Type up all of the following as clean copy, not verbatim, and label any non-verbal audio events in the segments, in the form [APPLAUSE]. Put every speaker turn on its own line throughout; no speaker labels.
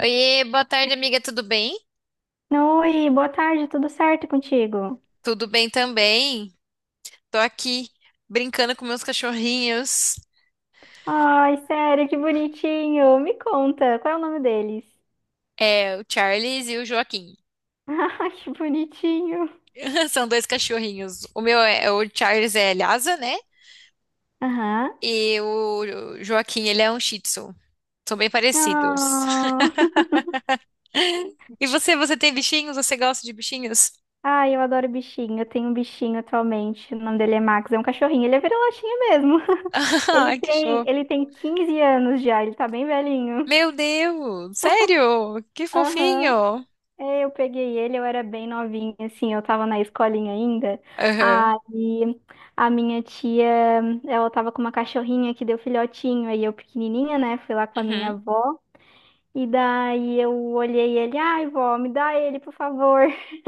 Oiê, boa tarde, amiga, tudo bem?
Oi, boa tarde, tudo certo contigo?
Tudo bem também. Tô aqui brincando com meus cachorrinhos,
Ai, sério, que bonitinho. Me conta, qual é o nome deles?
o Charles e o Joaquim.
[LAUGHS] Ai, que bonitinho.
[LAUGHS] São dois cachorrinhos. O meu é o Charles é Lhasa, né?
Aham.
E o Joaquim, ele é um Shih Tzu. São bem parecidos.
Ah.
E você tem bichinhos? Você gosta de bichinhos?
Ai, eu adoro bichinho. Eu tenho um bichinho atualmente. O nome dele é Max, é um cachorrinho. Ele é vira-latinha mesmo. [LAUGHS]
[LAUGHS]
Ele
Ah, que
tem,
fofo.
ele tem 15 anos já, ele tá bem velhinho.
Meu Deus, sério? Que
Aham.
fofinho.
É, eu peguei ele, eu era bem novinha, assim, eu tava na escolinha ainda.
Aham.
Aí a minha tia, ela tava com uma cachorrinha que deu filhotinho, aí eu pequenininha, né, fui lá com a minha
Uhum.
avó. E daí eu olhei ele, ai, vó, me dá ele, por favor. [LAUGHS]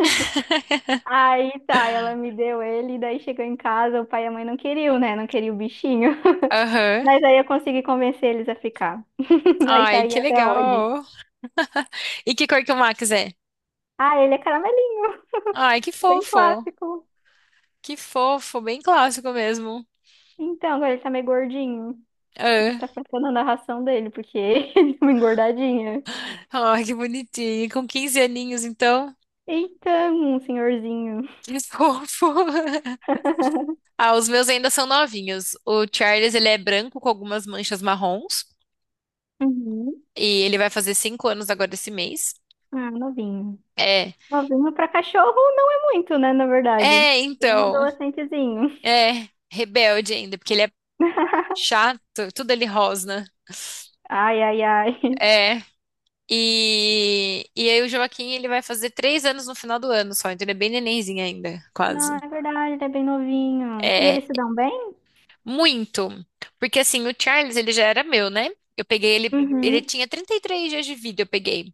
Aí tá, ela me deu ele, e daí chegou em casa, o pai e a mãe não queriam, né, não queriam o bichinho. [LAUGHS]
Aham.
Mas aí eu consegui convencer eles a ficar. [LAUGHS] Aí tá
Ai,
aí
que
até hoje.
legal. E que cor que o Max é?
Ah, ele é caramelinho,
Ai, que
bem
fofo.
clássico.
Que fofo, bem clássico mesmo.
Então, agora ele tá meio gordinho. A gente
É.
tá faltando a narração dele, porque [LAUGHS] ele é uma engordadinha.
Ai, que bonitinho. Com 15 aninhos, então.
Então, um senhorzinho.
Que fofo. [LAUGHS]
[LAUGHS]
Ah, os meus ainda são novinhos. O Charles, ele é branco com algumas manchas marrons.
Uhum.
E ele vai fazer 5 anos agora esse mês.
Ah, novinho.
É.
Novinho pra cachorro não é muito, né, na verdade.
É,
É um
então.
adolescentezinho.
É. Rebelde ainda, porque ele é
[LAUGHS]
chato. Tudo ele rosna.
Ai, ai, ai.
É. E aí o Joaquim, ele vai fazer 3 anos no final do ano só. Então ele é bem nenenzinho ainda,
Não,
quase.
é verdade, ele é bem novinho. E
É,
eles se dão bem?
muito. Porque assim, o Charles, ele já era meu, né? Eu peguei ele
Uhum.
tinha 33 dias de vida, eu peguei.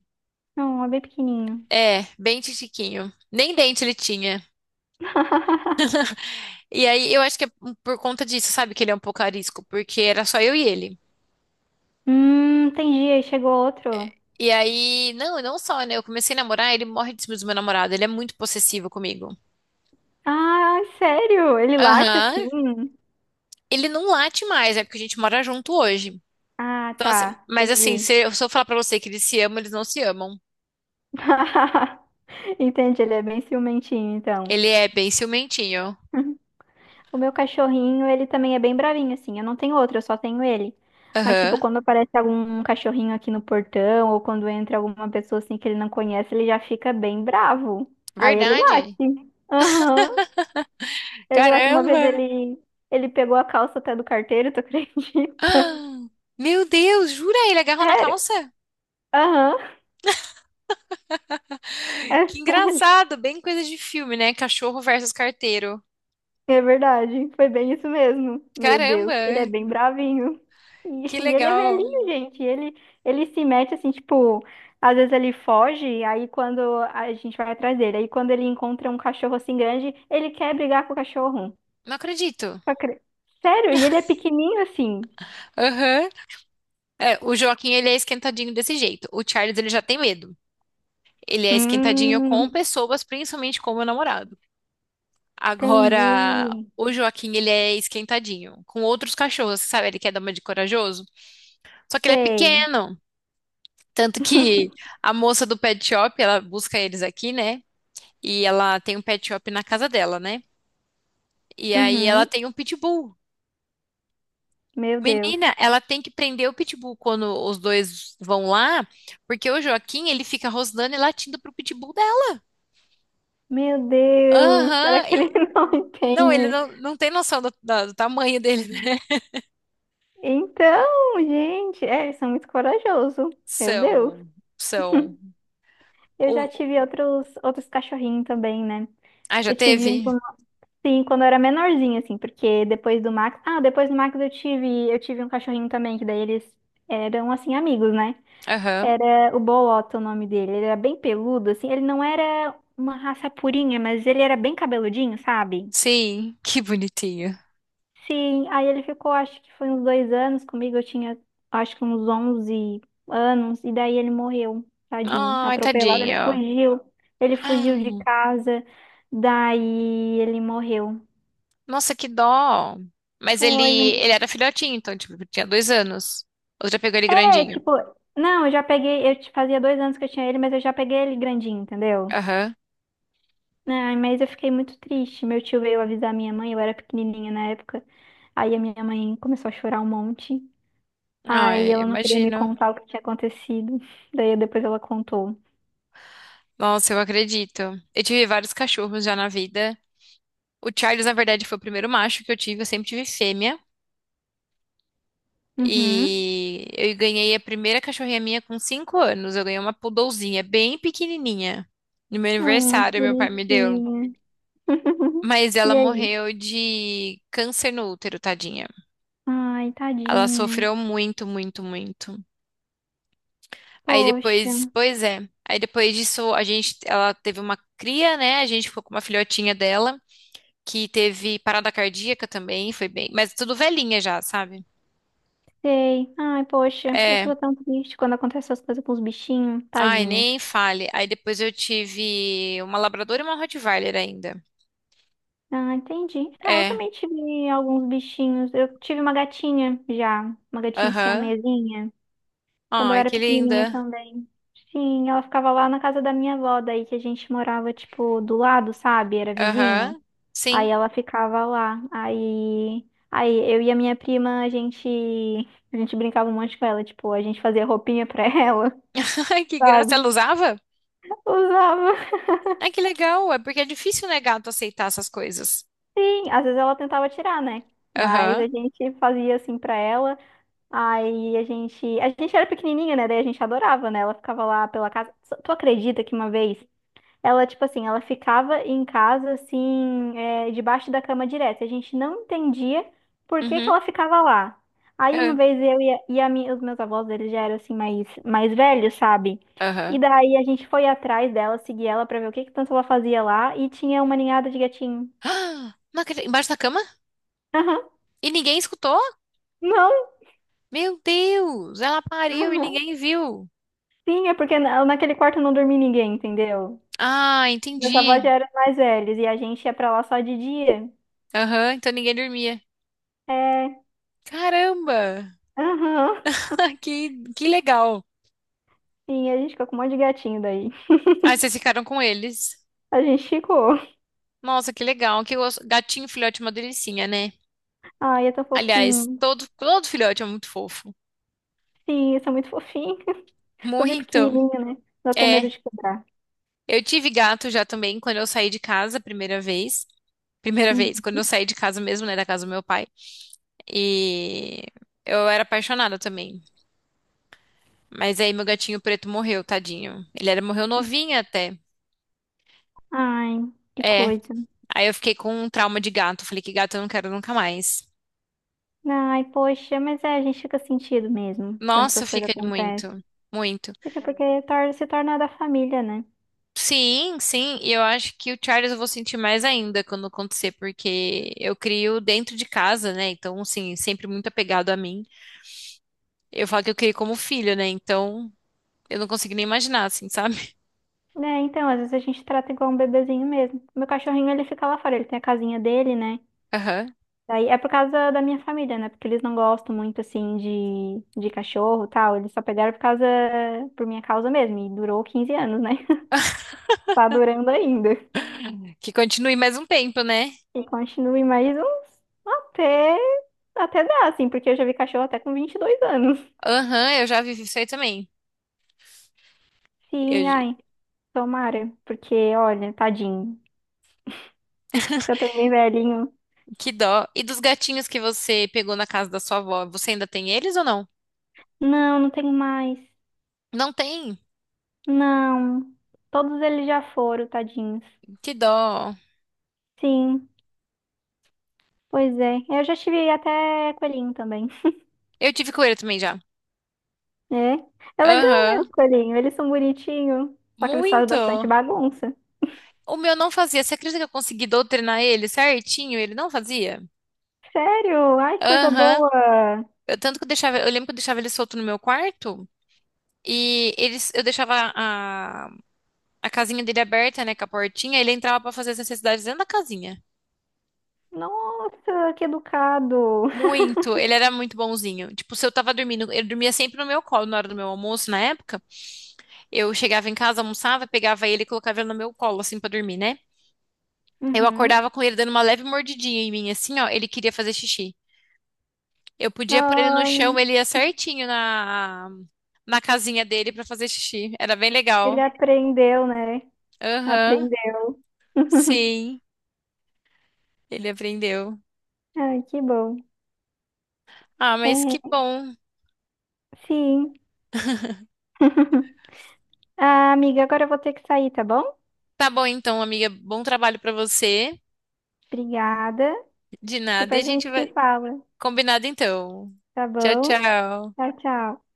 Não, é bem pequenininho.
É, bem titiquinho. Nem dente ele tinha. E aí, eu acho que é um, por conta disso, sabe, que ele é um pouco arisco, porque era só eu e ele.
Entendi, aí chegou outro.
E aí, não, e não só, né? Eu comecei a namorar, ele morre de ciúmes do meu namorado, ele é muito possessivo comigo.
Ah, sério? Ele late assim?
Aham. Ele não late mais, é porque a gente mora junto hoje.
Ah,
Então, assim,
tá,
mas assim,
entendi.
se eu falar pra você que eles se amam, eles não se amam.
[LAUGHS] Entende, ele é bem ciumentinho, então.
Ele é bem ciumentinho.
[LAUGHS] O meu cachorrinho, ele também é bem bravinho, assim. Eu não tenho outro, eu só tenho ele. Mas, tipo,
Aham.
quando aparece algum cachorrinho aqui no portão, ou quando entra alguma pessoa, assim, que ele não conhece, ele já fica bem bravo. Aí ele
Verdade.
late. Aham. Ele late. Uma vez
Caramba!
ele, ele pegou a calça até do carteiro, tu acredita? [LAUGHS]
Ah, Meu Deus, jura? Ele agarrou na
Sério?
calça?
Aham. É
Que
sério.
engraçado, bem coisa de filme, né? Cachorro versus carteiro.
É verdade, foi bem isso mesmo. Meu Deus, ele
Caramba,
é bem bravinho. E,
que
e ele é
legal.
velhinho, gente. Ele se mete assim, tipo, às vezes ele foge, aí quando a gente vai atrás dele, aí quando ele encontra um cachorro assim grande, ele quer brigar com o cachorro.
Não acredito.
Só cre- Sério, e ele é pequenininho assim.
Aham. É, o Joaquim, ele é esquentadinho desse jeito. O Charles, ele já tem medo. Ele é esquentadinho com
Hum,
pessoas, principalmente com o meu namorado. Agora,
entendi.
o Joaquim, ele é esquentadinho com outros cachorros, sabe? Ele quer dar uma de corajoso. Só que ele é
Sei.
pequeno. Tanto que a moça do pet shop, ela busca eles aqui, né? E ela tem um pet shop na casa dela, né? E aí ela
Uhum.
tem um pitbull.
Meu Deus.
Menina, ela tem que prender o pitbull quando os dois vão lá, porque o Joaquim, ele fica rosnando e latindo pro pitbull dela.
Meu Deus, será
Aham.
que ele [LAUGHS] não
Não, ele
entende?
não, não tem noção do tamanho dele, né?
Então, gente, é, eles são muito corajosos. Meu Deus.
São, são.
Eu já
o-
tive outros cachorrinhos também, né?
Ah, já
Eu tive um
teve?
quando, sim, quando eu era menorzinha, assim, porque depois do Max. Ah, depois do Max eu tive um cachorrinho também, que daí eles eram, assim, amigos, né?
Aham.
Era o Bolota o nome dele. Ele era bem peludo, assim. Ele não era uma raça purinha, mas ele era bem cabeludinho, sabe?
Sim, que bonitinho.
Sim, aí ele ficou, acho que foi uns 2 anos comigo, eu tinha, acho que uns 11 anos, e daí ele morreu, tadinho,
Ai,
atropelado,
tadinho.
ele fugiu de casa, daí ele morreu.
Nossa, que dó. Mas
Foi,
ele
um,
era filhotinho, então, tipo, tinha 2 anos. Ou já pegou ele
é,
grandinho?
tipo, não, eu já peguei, fazia 2 anos que eu tinha ele, mas eu já peguei ele grandinho, entendeu?
Aham.
Ai, mas eu fiquei muito triste, meu tio veio avisar minha mãe, eu era pequenininha na época, aí a minha mãe começou a chorar um monte. Aí
Ai, eu
ela não queria me
imagino.
contar o que tinha acontecido. Daí depois ela contou.
Nossa, eu acredito. Eu tive vários cachorros já na vida. O Charles, na verdade, foi o primeiro macho que eu tive. Eu sempre tive fêmea.
Uhum.
E eu ganhei a primeira cachorrinha minha com 5 anos. Eu ganhei uma poodlezinha, bem pequenininha. No meu
Ai, que
aniversário, meu pai me deu.
bonitinha. [LAUGHS]
Mas ela
E aí?
morreu de câncer no útero, tadinha.
Ai,
Ela
tadinha.
sofreu muito, muito, muito. Aí
Poxa,
depois, pois é. Aí depois disso, a gente, ela teve uma cria, né? A gente ficou com uma filhotinha dela, que teve parada cardíaca também, foi bem, mas tudo velhinha já, sabe?
sei. Ai, poxa, eu
É.
fico tão triste quando acontecem essas coisas com os bichinhos,
Ai,
tadinhos.
nem fale. Aí depois eu tive uma labrador e uma Rottweiler ainda.
Ah, entendi. É, eu
É.
também tive alguns bichinhos. Eu tive uma gatinha já, uma gatinha
Aham.
siamesinha. Quando eu
Ai,
era
que
pequenininha
linda.
também. Sim, ela ficava lá na casa da minha avó, daí que a gente morava, tipo, do lado, sabe? Era vizinho.
Aham.
Aí
Sim.
ela ficava lá. Aí eu e a minha prima, a gente brincava um monte com ela, tipo, a gente fazia roupinha pra [LAUGHS] ela,
[LAUGHS] Ai, que graça.
sabe?
Ela usava?
Usava.
Ai, que legal. É porque é difícil, né, gato, aceitar essas coisas.
Sim, às vezes ela tentava tirar, né? Mas
Aham.
a gente fazia assim pra ela. Aí a gente era pequenininha, né? Daí a gente adorava, né? Ela ficava lá pela casa. Tu acredita que uma vez ela, tipo assim, ela ficava em casa, assim, é, debaixo da cama direto. E a gente não entendia por que que
Uhum.
ela ficava lá. Aí uma
É.
vez eu e a minha- os meus avós, eles já eram, assim, mais velhos, sabe? E
Aham. [GASPS]
daí a gente foi atrás dela, seguir ela pra ver o que que tanto ela fazia lá. E tinha uma ninhada de gatinho.
Ah, não acredito. Embaixo da cama?
[LAUGHS] Aham.
E ninguém escutou?
Não.
Meu Deus, ela pariu e
Aham.
ninguém viu.
Sim, é porque naquele quarto não dormia ninguém, entendeu?
Ah,
Meus avós já
entendi.
eram mais velhos e a gente ia pra lá só de dia.
Aham, então ninguém dormia.
É.
Caramba,
Aham.
[LAUGHS] que, que legal.
Sim, a gente ficou com um monte de gatinho daí.
Aí vocês ficaram com eles.
A gente chegou.
Nossa, que legal. Gatinho filhote é uma delicinha, né?
Ai, é tão
Aliás,
fofinho.
todo filhote é muito fofo.
Sim, isso é muito fofinho. [LAUGHS] Tô bem
Muito.
pequenininho, né? Dá até medo
É,
de quebrar.
eu tive gato já também quando eu saí de casa a primeira vez. Primeira vez,
Uhum.
quando eu saí de casa mesmo, né, da casa do meu pai. E eu era apaixonada também. Mas aí meu gatinho preto morreu, tadinho. Morreu novinho até.
Ai, que
É.
coisa.
Aí eu fiquei com um trauma de gato. Falei que gato eu não quero nunca mais.
Ai, poxa, mas é, a gente fica sentido mesmo quando
Nossa,
essas coisas
fica
acontecem.
muito, muito.
Fica porque se torna da família, né?
Sim, sim. E eu acho que o Charles eu vou sentir mais ainda quando acontecer, porque eu crio dentro de casa, né? Então, assim, sempre muito apegado a mim. Eu falo que eu criei como filho, né? Então, eu não consigo nem imaginar, assim, sabe?
É, então, às vezes a gente trata igual um bebezinho mesmo. Meu cachorrinho, ele fica lá fora, ele tem a casinha dele, né?
[LAUGHS] Aham.
Daí é por causa da minha família, né? Porque eles não gostam muito, assim, de cachorro e tal. Eles só pegaram por causa, por minha causa mesmo. E durou 15 anos, né? Tá durando ainda.
Que continue mais um tempo, né?
E continue mais uns até, até dar, assim, porque eu já vi cachorro até com 22 anos.
Aham, eu já vivi isso aí também.
Sim,
Eu,
ai, tomara. Porque, olha, tadinho. Já tô bem velhinho.
que dó. E dos gatinhos que você pegou na casa da sua avó, você ainda tem eles ou não?
Não, não tenho mais.
Não tem?
Não. Todos eles já foram, tadinhos.
Que dó.
Sim, pois é. Eu já tive até coelhinho também.
Eu tive coelho também já.
É. É legal, né, os
Aham.
coelhinhos? Eles são bonitinhos. Só que eles fazem bastante
Muito.
bagunça.
O meu não fazia. Você acredita que eu consegui doutrinar ele certinho? Ele não fazia?
Sério? Ai, coisa
Aham.
boa.
Eu tanto que eu deixava, eu lembro que eu deixava ele solto no meu quarto e eu deixava a casinha dele aberta, né, com a portinha, ele entrava pra fazer as necessidades dentro da casinha.
Nossa, que educado.
Muito, ele era muito bonzinho. Tipo, se eu tava dormindo, ele dormia sempre no meu colo na hora do meu almoço, na época. Eu chegava em casa, almoçava, pegava ele e colocava ele no meu colo, assim, pra dormir, né? Eu
Uhum.
acordava com ele dando uma leve mordidinha em mim, assim, ó. Ele queria fazer xixi. Eu podia pôr ele no
Ai,
chão, ele ia certinho na, na casinha dele pra fazer xixi. Era bem
ele
legal.
aprendeu, né?
Aham,
Aprendeu. [LAUGHS]
sim, ele aprendeu.
Ai, que bom.
Ah, mas que
É,
bom.
sim. [LAUGHS] Ah, amiga, agora eu vou ter que sair, tá bom?
Tá bom então, amiga. Bom trabalho pra você.
Obrigada.
De nada. E a
Depois a
gente
gente se
vai.
fala,
Combinado então.
tá
Tchau,
bom?
tchau.
Tchau, tchau.